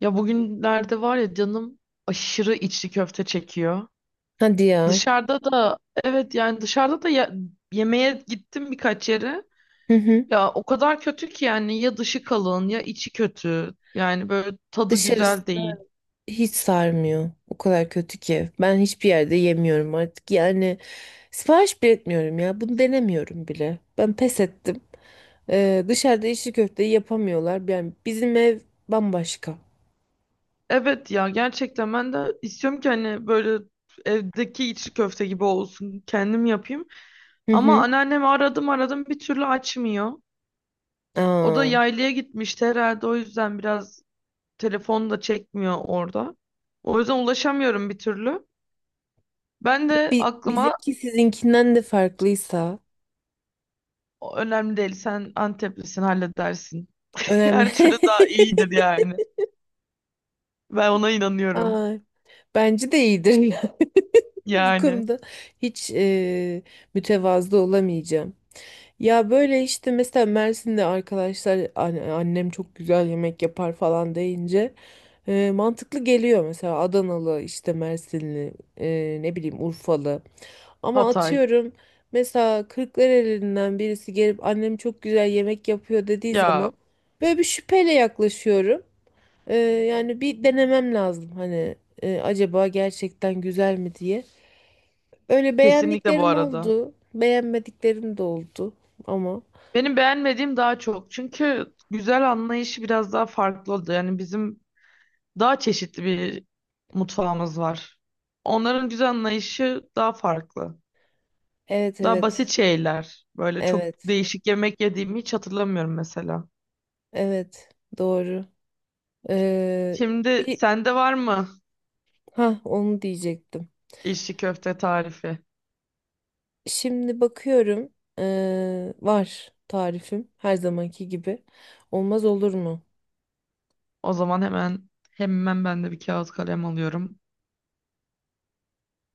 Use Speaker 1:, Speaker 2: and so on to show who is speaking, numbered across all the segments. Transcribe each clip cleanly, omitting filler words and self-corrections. Speaker 1: Ya bugünlerde var ya canım aşırı içli köfte çekiyor.
Speaker 2: Hadi ya.
Speaker 1: Dışarıda da evet yani dışarıda da yemeğe gittim birkaç yere.
Speaker 2: Hı hı.
Speaker 1: Ya o kadar kötü ki yani ya dışı kalın ya içi kötü. Yani böyle tadı
Speaker 2: Dışarısı
Speaker 1: güzel değil.
Speaker 2: hiç sarmıyor. O kadar kötü ki. Ben hiçbir yerde yemiyorum artık. Yani sipariş bile etmiyorum ya. Bunu denemiyorum bile. Ben pes ettim. Dışarıda içli köfteyi yapamıyorlar. Yani bizim ev bambaşka.
Speaker 1: Evet ya gerçekten ben de istiyorum ki hani böyle evdeki içli köfte gibi olsun kendim yapayım.
Speaker 2: Hı
Speaker 1: Ama
Speaker 2: hı.
Speaker 1: anneannemi aradım aradım bir türlü açmıyor. O da
Speaker 2: Aa,
Speaker 1: yaylaya gitmişti herhalde o yüzden biraz telefon da çekmiyor orada. O yüzden ulaşamıyorum bir türlü. Ben de aklıma
Speaker 2: bizimki sizinkinden de farklıysa
Speaker 1: önemli değil, sen Anteplisin halledersin.
Speaker 2: önemli.
Speaker 1: Her türlü daha iyidir yani. Ben ona inanıyorum.
Speaker 2: Aa, bence de iyidir, ya. Bu
Speaker 1: Yani
Speaker 2: konuda hiç mütevazı olamayacağım. Ya böyle işte mesela Mersin'de arkadaşlar annem çok güzel yemek yapar falan deyince mantıklı geliyor mesela Adanalı işte Mersinli ne bileyim Urfalı ama
Speaker 1: Hatay.
Speaker 2: atıyorum mesela Kırklareli'nden birisi gelip annem çok güzel yemek yapıyor dediği
Speaker 1: Ya
Speaker 2: zaman böyle bir şüpheyle yaklaşıyorum. Yani bir denemem lazım hani acaba gerçekten güzel mi diye. Öyle
Speaker 1: kesinlikle bu
Speaker 2: beğendiklerim
Speaker 1: arada.
Speaker 2: oldu, beğenmediklerim de oldu ama.
Speaker 1: Benim beğenmediğim daha çok. Çünkü güzel anlayışı biraz daha farklı oldu. Yani bizim daha çeşitli bir mutfağımız var. Onların güzel anlayışı daha farklı.
Speaker 2: Evet
Speaker 1: Daha
Speaker 2: evet.
Speaker 1: basit şeyler. Böyle çok
Speaker 2: Evet.
Speaker 1: değişik yemek yediğimi hiç hatırlamıyorum mesela.
Speaker 2: Evet. Doğru. Ee,
Speaker 1: Şimdi
Speaker 2: bir
Speaker 1: sende var mı
Speaker 2: Ha onu diyecektim.
Speaker 1: içli köfte tarifi?
Speaker 2: Şimdi bakıyorum. Var tarifim her zamanki gibi. Olmaz olur mu?
Speaker 1: O zaman hemen hemen ben de bir kağıt kalem alıyorum.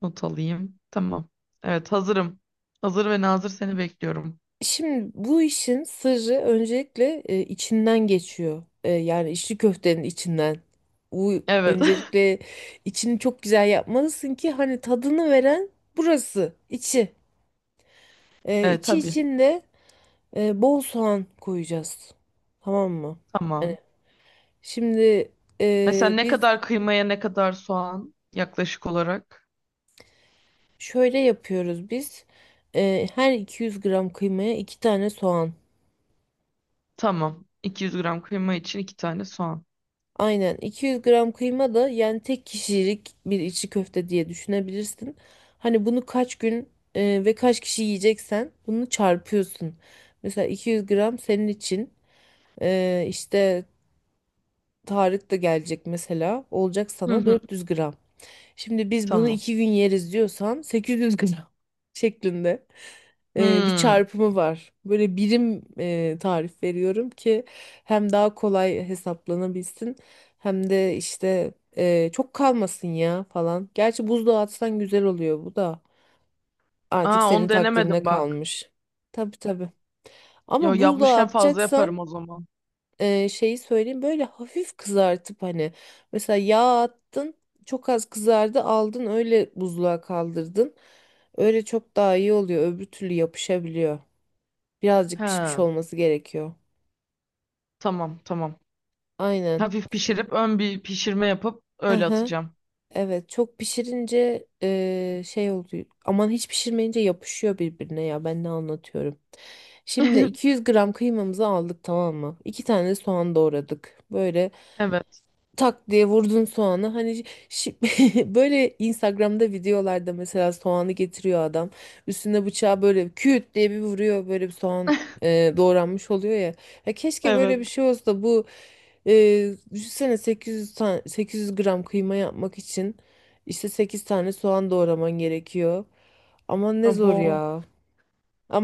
Speaker 1: Not alayım. Tamam. Evet hazırım. Hazır ve nazır seni bekliyorum.
Speaker 2: Şimdi bu işin sırrı öncelikle içinden geçiyor. Yani içli köftenin içinden. Bu
Speaker 1: Evet.
Speaker 2: öncelikle içini çok güzel yapmalısın ki hani tadını veren burası, içi.
Speaker 1: Evet
Speaker 2: İçi
Speaker 1: tabii.
Speaker 2: içinde. Bol soğan koyacağız. Tamam mı? Hani
Speaker 1: Tamam.
Speaker 2: şimdi
Speaker 1: Mesela ne
Speaker 2: biz
Speaker 1: kadar kıymaya ne kadar soğan yaklaşık olarak?
Speaker 2: şöyle yapıyoruz biz. Her 200 gram kıymaya 2 tane soğan.
Speaker 1: Tamam. 200 gram kıyma için iki tane soğan.
Speaker 2: Aynen 200 gram kıyma da yani tek kişilik bir içi köfte diye düşünebilirsin. Hani bunu kaç gün ve kaç kişi yiyeceksen bunu çarpıyorsun. Mesela 200 gram senin için işte Tarık da gelecek mesela olacak
Speaker 1: Hı
Speaker 2: sana
Speaker 1: hı.
Speaker 2: 400 gram. Şimdi biz bunu
Speaker 1: Tamam.
Speaker 2: iki gün yeriz diyorsan 800 gram şeklinde bir
Speaker 1: Hmm.
Speaker 2: çarpımı var. Böyle birim tarif veriyorum ki hem daha kolay hesaplanabilsin hem de işte çok kalmasın ya falan. Gerçi buzluğa atsan güzel oluyor bu da artık
Speaker 1: Aa
Speaker 2: senin
Speaker 1: onu
Speaker 2: takdirine
Speaker 1: denemedim bak.
Speaker 2: kalmış. Tabii tabii.
Speaker 1: Yo
Speaker 2: Ama buzluğa
Speaker 1: yapmışken fazla
Speaker 2: atacaksan
Speaker 1: yaparım o zaman.
Speaker 2: şeyi söyleyeyim böyle hafif kızartıp hani mesela yağ attın çok az kızardı aldın öyle buzluğa kaldırdın. Öyle çok daha iyi oluyor öbür türlü yapışabiliyor.
Speaker 1: He,
Speaker 2: Birazcık pişmiş olması gerekiyor.
Speaker 1: tamam tamam.
Speaker 2: Aynen.
Speaker 1: Hafif pişirip ön bir pişirme yapıp
Speaker 2: Hı
Speaker 1: öyle
Speaker 2: hı.
Speaker 1: atacağım.
Speaker 2: Evet çok pişirince şey oluyor. Aman hiç pişirmeyince yapışıyor birbirine ya ben ne anlatıyorum. Şimdi 200 gram kıymamızı aldık tamam mı? İki tane soğan doğradık. Böyle
Speaker 1: Evet.
Speaker 2: tak diye vurdun soğanı. Hani böyle Instagram'da videolarda mesela soğanı getiriyor adam. Üstüne bıçağı böyle küt diye bir vuruyor. Böyle bir soğan doğranmış oluyor ya. Ya keşke böyle bir
Speaker 1: Evet.
Speaker 2: şey olsa da bu düşünsene 800 tane 800 gram kıyma yapmak için işte 8 tane soğan doğraman gerekiyor. Ama ne zor
Speaker 1: Abo.
Speaker 2: ya.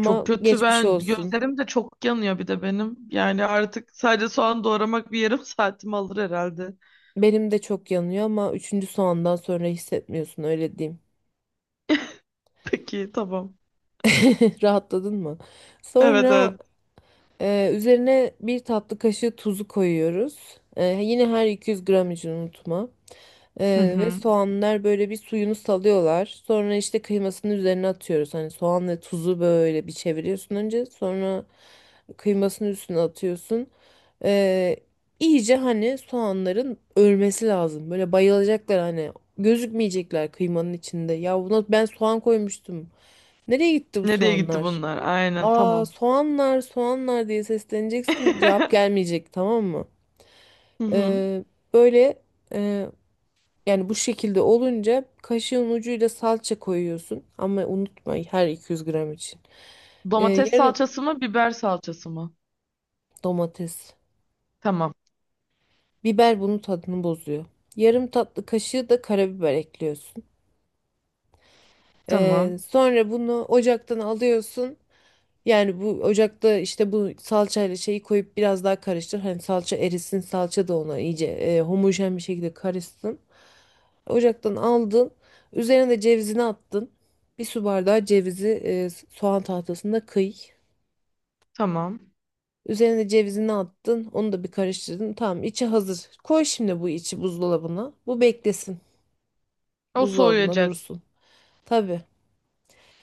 Speaker 1: Çok kötü,
Speaker 2: geçmiş
Speaker 1: ben
Speaker 2: olsun.
Speaker 1: gözlerim de çok yanıyor bir de benim. Yani artık sadece soğan doğramak bir yarım saatimi alır herhalde.
Speaker 2: Benim de çok yanıyor ama üçüncü soğandan sonra hissetmiyorsun öyle diyeyim.
Speaker 1: Peki tamam.
Speaker 2: Rahatladın mı?
Speaker 1: Evet
Speaker 2: Sonra
Speaker 1: evet.
Speaker 2: üzerine bir tatlı kaşığı tuzu koyuyoruz. Yine her 200 gram için unutma.
Speaker 1: Hı
Speaker 2: Ve
Speaker 1: hı.
Speaker 2: soğanlar böyle bir suyunu salıyorlar. Sonra işte kıymasını üzerine atıyoruz. Hani soğan ve tuzu böyle bir çeviriyorsun önce. Sonra kıymasını üstüne atıyorsun. E, iyice hani soğanların ölmesi lazım. Böyle bayılacaklar hani. Gözükmeyecekler kıymanın içinde. Ya buna ben soğan koymuştum. Nereye gitti bu
Speaker 1: Nereye gitti
Speaker 2: soğanlar?
Speaker 1: bunlar? Aynen
Speaker 2: Aa
Speaker 1: tamam.
Speaker 2: soğanlar soğanlar diye sesleneceksin cevap gelmeyecek tamam mı?
Speaker 1: Hı hı.
Speaker 2: Ee, Böyle e, yani bu şekilde olunca kaşığın ucuyla salça koyuyorsun ama unutma her 200 gram için.
Speaker 1: Domates
Speaker 2: Yarım
Speaker 1: salçası mı biber salçası mı?
Speaker 2: domates
Speaker 1: Tamam.
Speaker 2: biber bunun tadını bozuyor. Yarım tatlı kaşığı da karabiber ekliyorsun.
Speaker 1: Tamam.
Speaker 2: Sonra bunu ocaktan alıyorsun. Yani bu ocakta işte bu salçayla şeyi koyup biraz daha karıştır. Hani salça erisin, salça da ona iyice homojen bir şekilde karışsın. Ocaktan aldın. Üzerine de cevizini attın. Bir su bardağı cevizi soğan tahtasında kıy.
Speaker 1: Tamam.
Speaker 2: Üzerine cevizini attın. Onu da bir karıştırdın. Tamam, içi hazır. Koy şimdi bu içi buzdolabına. Bu beklesin.
Speaker 1: O
Speaker 2: Buzdolabına
Speaker 1: soğuyacak.
Speaker 2: dursun. Tabii.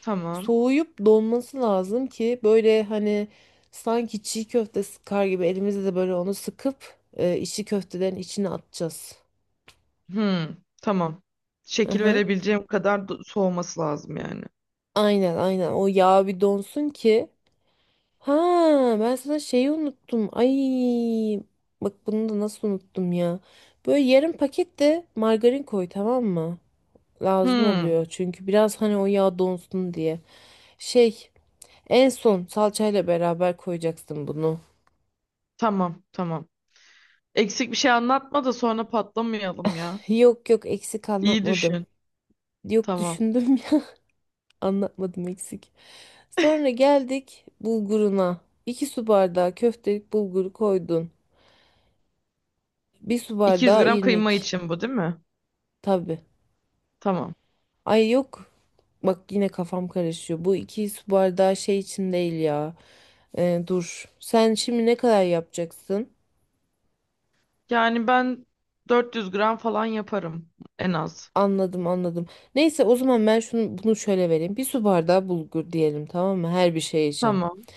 Speaker 1: Tamam.
Speaker 2: Soğuyup donması lazım ki böyle hani sanki çiğ köfte sıkar gibi elimizde de böyle onu sıkıp içi köftelerin içine atacağız.
Speaker 1: Hmm, tamam.
Speaker 2: Hı
Speaker 1: Şekil
Speaker 2: hı.
Speaker 1: verebileceğim kadar soğuması lazım yani.
Speaker 2: Aynen aynen o yağ bir donsun ki. Ha ben sana şeyi unuttum. Ay bak bunu da nasıl unuttum ya. Böyle yarım paket de margarin koy tamam mı? Lazım
Speaker 1: Hmm,
Speaker 2: oluyor çünkü biraz hani o yağ donsun diye. Şey En son salçayla beraber koyacaksın bunu.
Speaker 1: tamam, tamam. Eksik bir şey anlatma da sonra patlamayalım ya.
Speaker 2: Yok yok eksik
Speaker 1: İyi
Speaker 2: anlatmadım.
Speaker 1: düşün.
Speaker 2: Yok
Speaker 1: Tamam.
Speaker 2: düşündüm ya anlatmadım eksik. Sonra geldik bulguruna. İki su bardağı köftelik bulguru koydun. Bir su
Speaker 1: 200
Speaker 2: bardağı
Speaker 1: gram kıyma
Speaker 2: irmik.
Speaker 1: için bu değil mi?
Speaker 2: Tabii.
Speaker 1: Tamam.
Speaker 2: Ay yok. Bak yine kafam karışıyor. Bu 2 su bardağı şey için değil ya. Dur. Sen şimdi ne kadar yapacaksın?
Speaker 1: Yani ben 400 gram falan yaparım en az.
Speaker 2: Anladım anladım. Neyse o zaman ben şunu bunu şöyle vereyim. Bir su bardağı bulgur diyelim tamam mı? Her bir şey için.
Speaker 1: Tamam.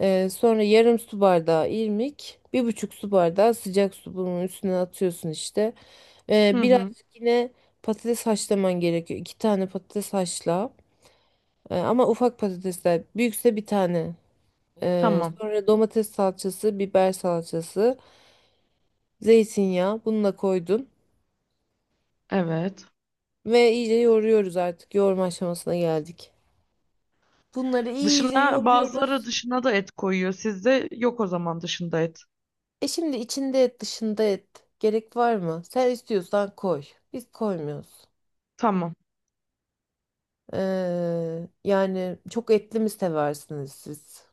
Speaker 2: Sonra yarım su bardağı irmik, bir buçuk su bardağı sıcak su bunun üstüne atıyorsun işte.
Speaker 1: Hı hı.
Speaker 2: Birazcık yine patates haşlaman gerekiyor. İki tane patates haşla. Ama ufak patatesler. Büyükse bir tane.
Speaker 1: Tamam.
Speaker 2: Sonra domates salçası, biber salçası, zeytinyağı bunu da koydun.
Speaker 1: Evet.
Speaker 2: Ve iyice yoğuruyoruz artık. Yoğurma aşamasına geldik. Bunları iyice
Speaker 1: Dışına bazıları
Speaker 2: yoğuruyoruz.
Speaker 1: dışına da et koyuyor. Sizde yok o zaman dışında et.
Speaker 2: Şimdi içinde et, dışında et. Gerek var mı? Sen istiyorsan koy. Biz koymuyoruz.
Speaker 1: Tamam.
Speaker 2: Yani çok etli mi seversiniz siz?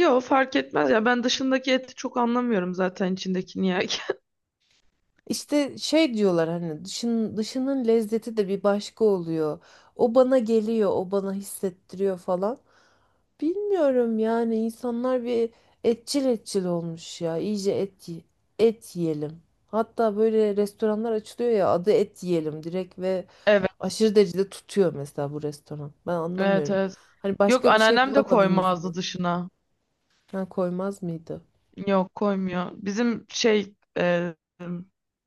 Speaker 1: Yo fark etmez ya, ben dışındaki eti çok anlamıyorum zaten içindekini ya.
Speaker 2: İşte şey diyorlar hani dışının lezzeti de bir başka oluyor. O bana geliyor, o bana hissettiriyor falan. Bilmiyorum yani insanlar bir etçil etçil olmuş ya. İyice et, et yiyelim. Hatta böyle restoranlar açılıyor ya adı et yiyelim direkt ve
Speaker 1: Evet,
Speaker 2: aşırı derecede tutuyor mesela bu restoran. Ben
Speaker 1: evet,
Speaker 2: anlamıyorum.
Speaker 1: evet.
Speaker 2: Hani
Speaker 1: Yok
Speaker 2: başka bir şey
Speaker 1: anneannem de
Speaker 2: bulamadınız
Speaker 1: koymazdı
Speaker 2: mı?
Speaker 1: dışına.
Speaker 2: Ha, koymaz mıydı?
Speaker 1: Yok koymuyor. Bizim şey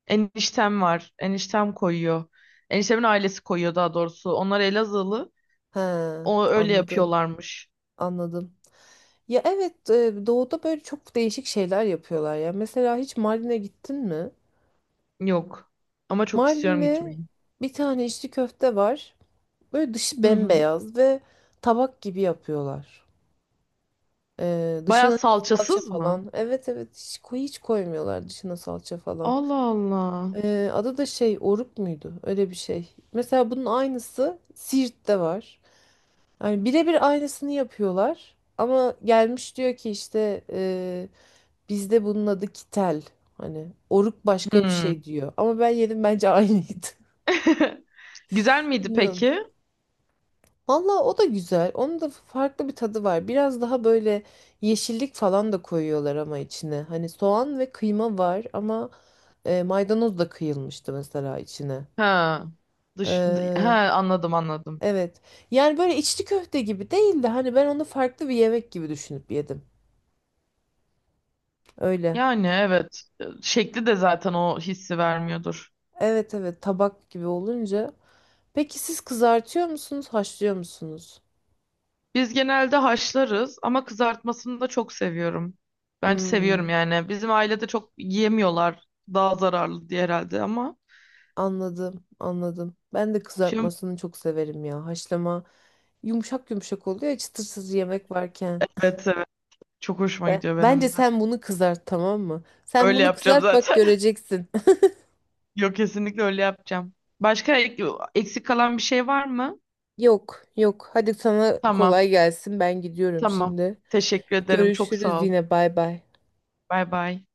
Speaker 1: eniştem var. Eniştem koyuyor. Eniştemin ailesi koyuyor daha doğrusu. Onlar Elazığlı.
Speaker 2: He,
Speaker 1: O öyle
Speaker 2: anladım,
Speaker 1: yapıyorlarmış.
Speaker 2: anladım. Ya evet, doğuda böyle çok değişik şeyler yapıyorlar ya. Mesela hiç Mardin'e gittin mi?
Speaker 1: Yok. Ama çok istiyorum
Speaker 2: Mardin'de
Speaker 1: gitmeyi.
Speaker 2: bir tane içli köfte var. Böyle dışı
Speaker 1: Hı hı.
Speaker 2: bembeyaz ve tabak gibi yapıyorlar.
Speaker 1: Baya
Speaker 2: Dışına hiç salça
Speaker 1: salçasız mı?
Speaker 2: falan. Evet evet hiç, hiç koymuyorlar dışına salça falan.
Speaker 1: Allah Allah.
Speaker 2: Adı da şey oruk muydu? Öyle bir şey. Mesela bunun aynısı Siirt'te var. Yani birebir aynısını yapıyorlar. Ama gelmiş diyor ki işte bizde bunun adı kitel. Hani oruk başka bir
Speaker 1: Hmm.
Speaker 2: şey diyor. Ama ben yedim bence aynıydı.
Speaker 1: Güzel miydi
Speaker 2: Bilmiyorum.
Speaker 1: peki?
Speaker 2: Valla o da güzel. Onun da farklı bir tadı var. Biraz daha böyle yeşillik falan da koyuyorlar ama içine. Hani soğan ve kıyma var ama maydanoz da kıyılmıştı mesela içine.
Speaker 1: Ha. Ha
Speaker 2: Ee,
Speaker 1: anladım anladım.
Speaker 2: evet. Yani böyle içli köfte gibi değil de hani ben onu farklı bir yemek gibi düşünüp yedim. Öyle.
Speaker 1: Yani evet. Şekli de zaten o hissi vermiyordur.
Speaker 2: Evet evet tabak gibi olunca. Peki siz kızartıyor musunuz, haşlıyor musunuz?
Speaker 1: Biz genelde haşlarız ama kızartmasını da çok seviyorum. Ben
Speaker 2: Hmm,
Speaker 1: seviyorum yani. Bizim ailede çok yiyemiyorlar. Daha zararlı diye herhalde ama.
Speaker 2: anladım, anladım. Ben de
Speaker 1: Şimdi
Speaker 2: kızartmasını çok severim ya. Haşlama yumuşak yumuşak oluyor ya, çıtırsız yemek varken.
Speaker 1: evet evet. Çok hoşuma gidiyor
Speaker 2: Bence
Speaker 1: benim de.
Speaker 2: sen bunu kızart tamam mı? Sen
Speaker 1: Öyle
Speaker 2: bunu
Speaker 1: yapacağım
Speaker 2: kızart bak
Speaker 1: zaten.
Speaker 2: göreceksin.
Speaker 1: Yok kesinlikle öyle yapacağım. Başka eksik kalan bir şey var mı?
Speaker 2: Yok, yok. Hadi sana
Speaker 1: Tamam.
Speaker 2: kolay gelsin. Ben gidiyorum
Speaker 1: Tamam.
Speaker 2: şimdi.
Speaker 1: Teşekkür ederim. Çok
Speaker 2: Görüşürüz
Speaker 1: sağ ol.
Speaker 2: yine. Bay bay.
Speaker 1: Bay bay.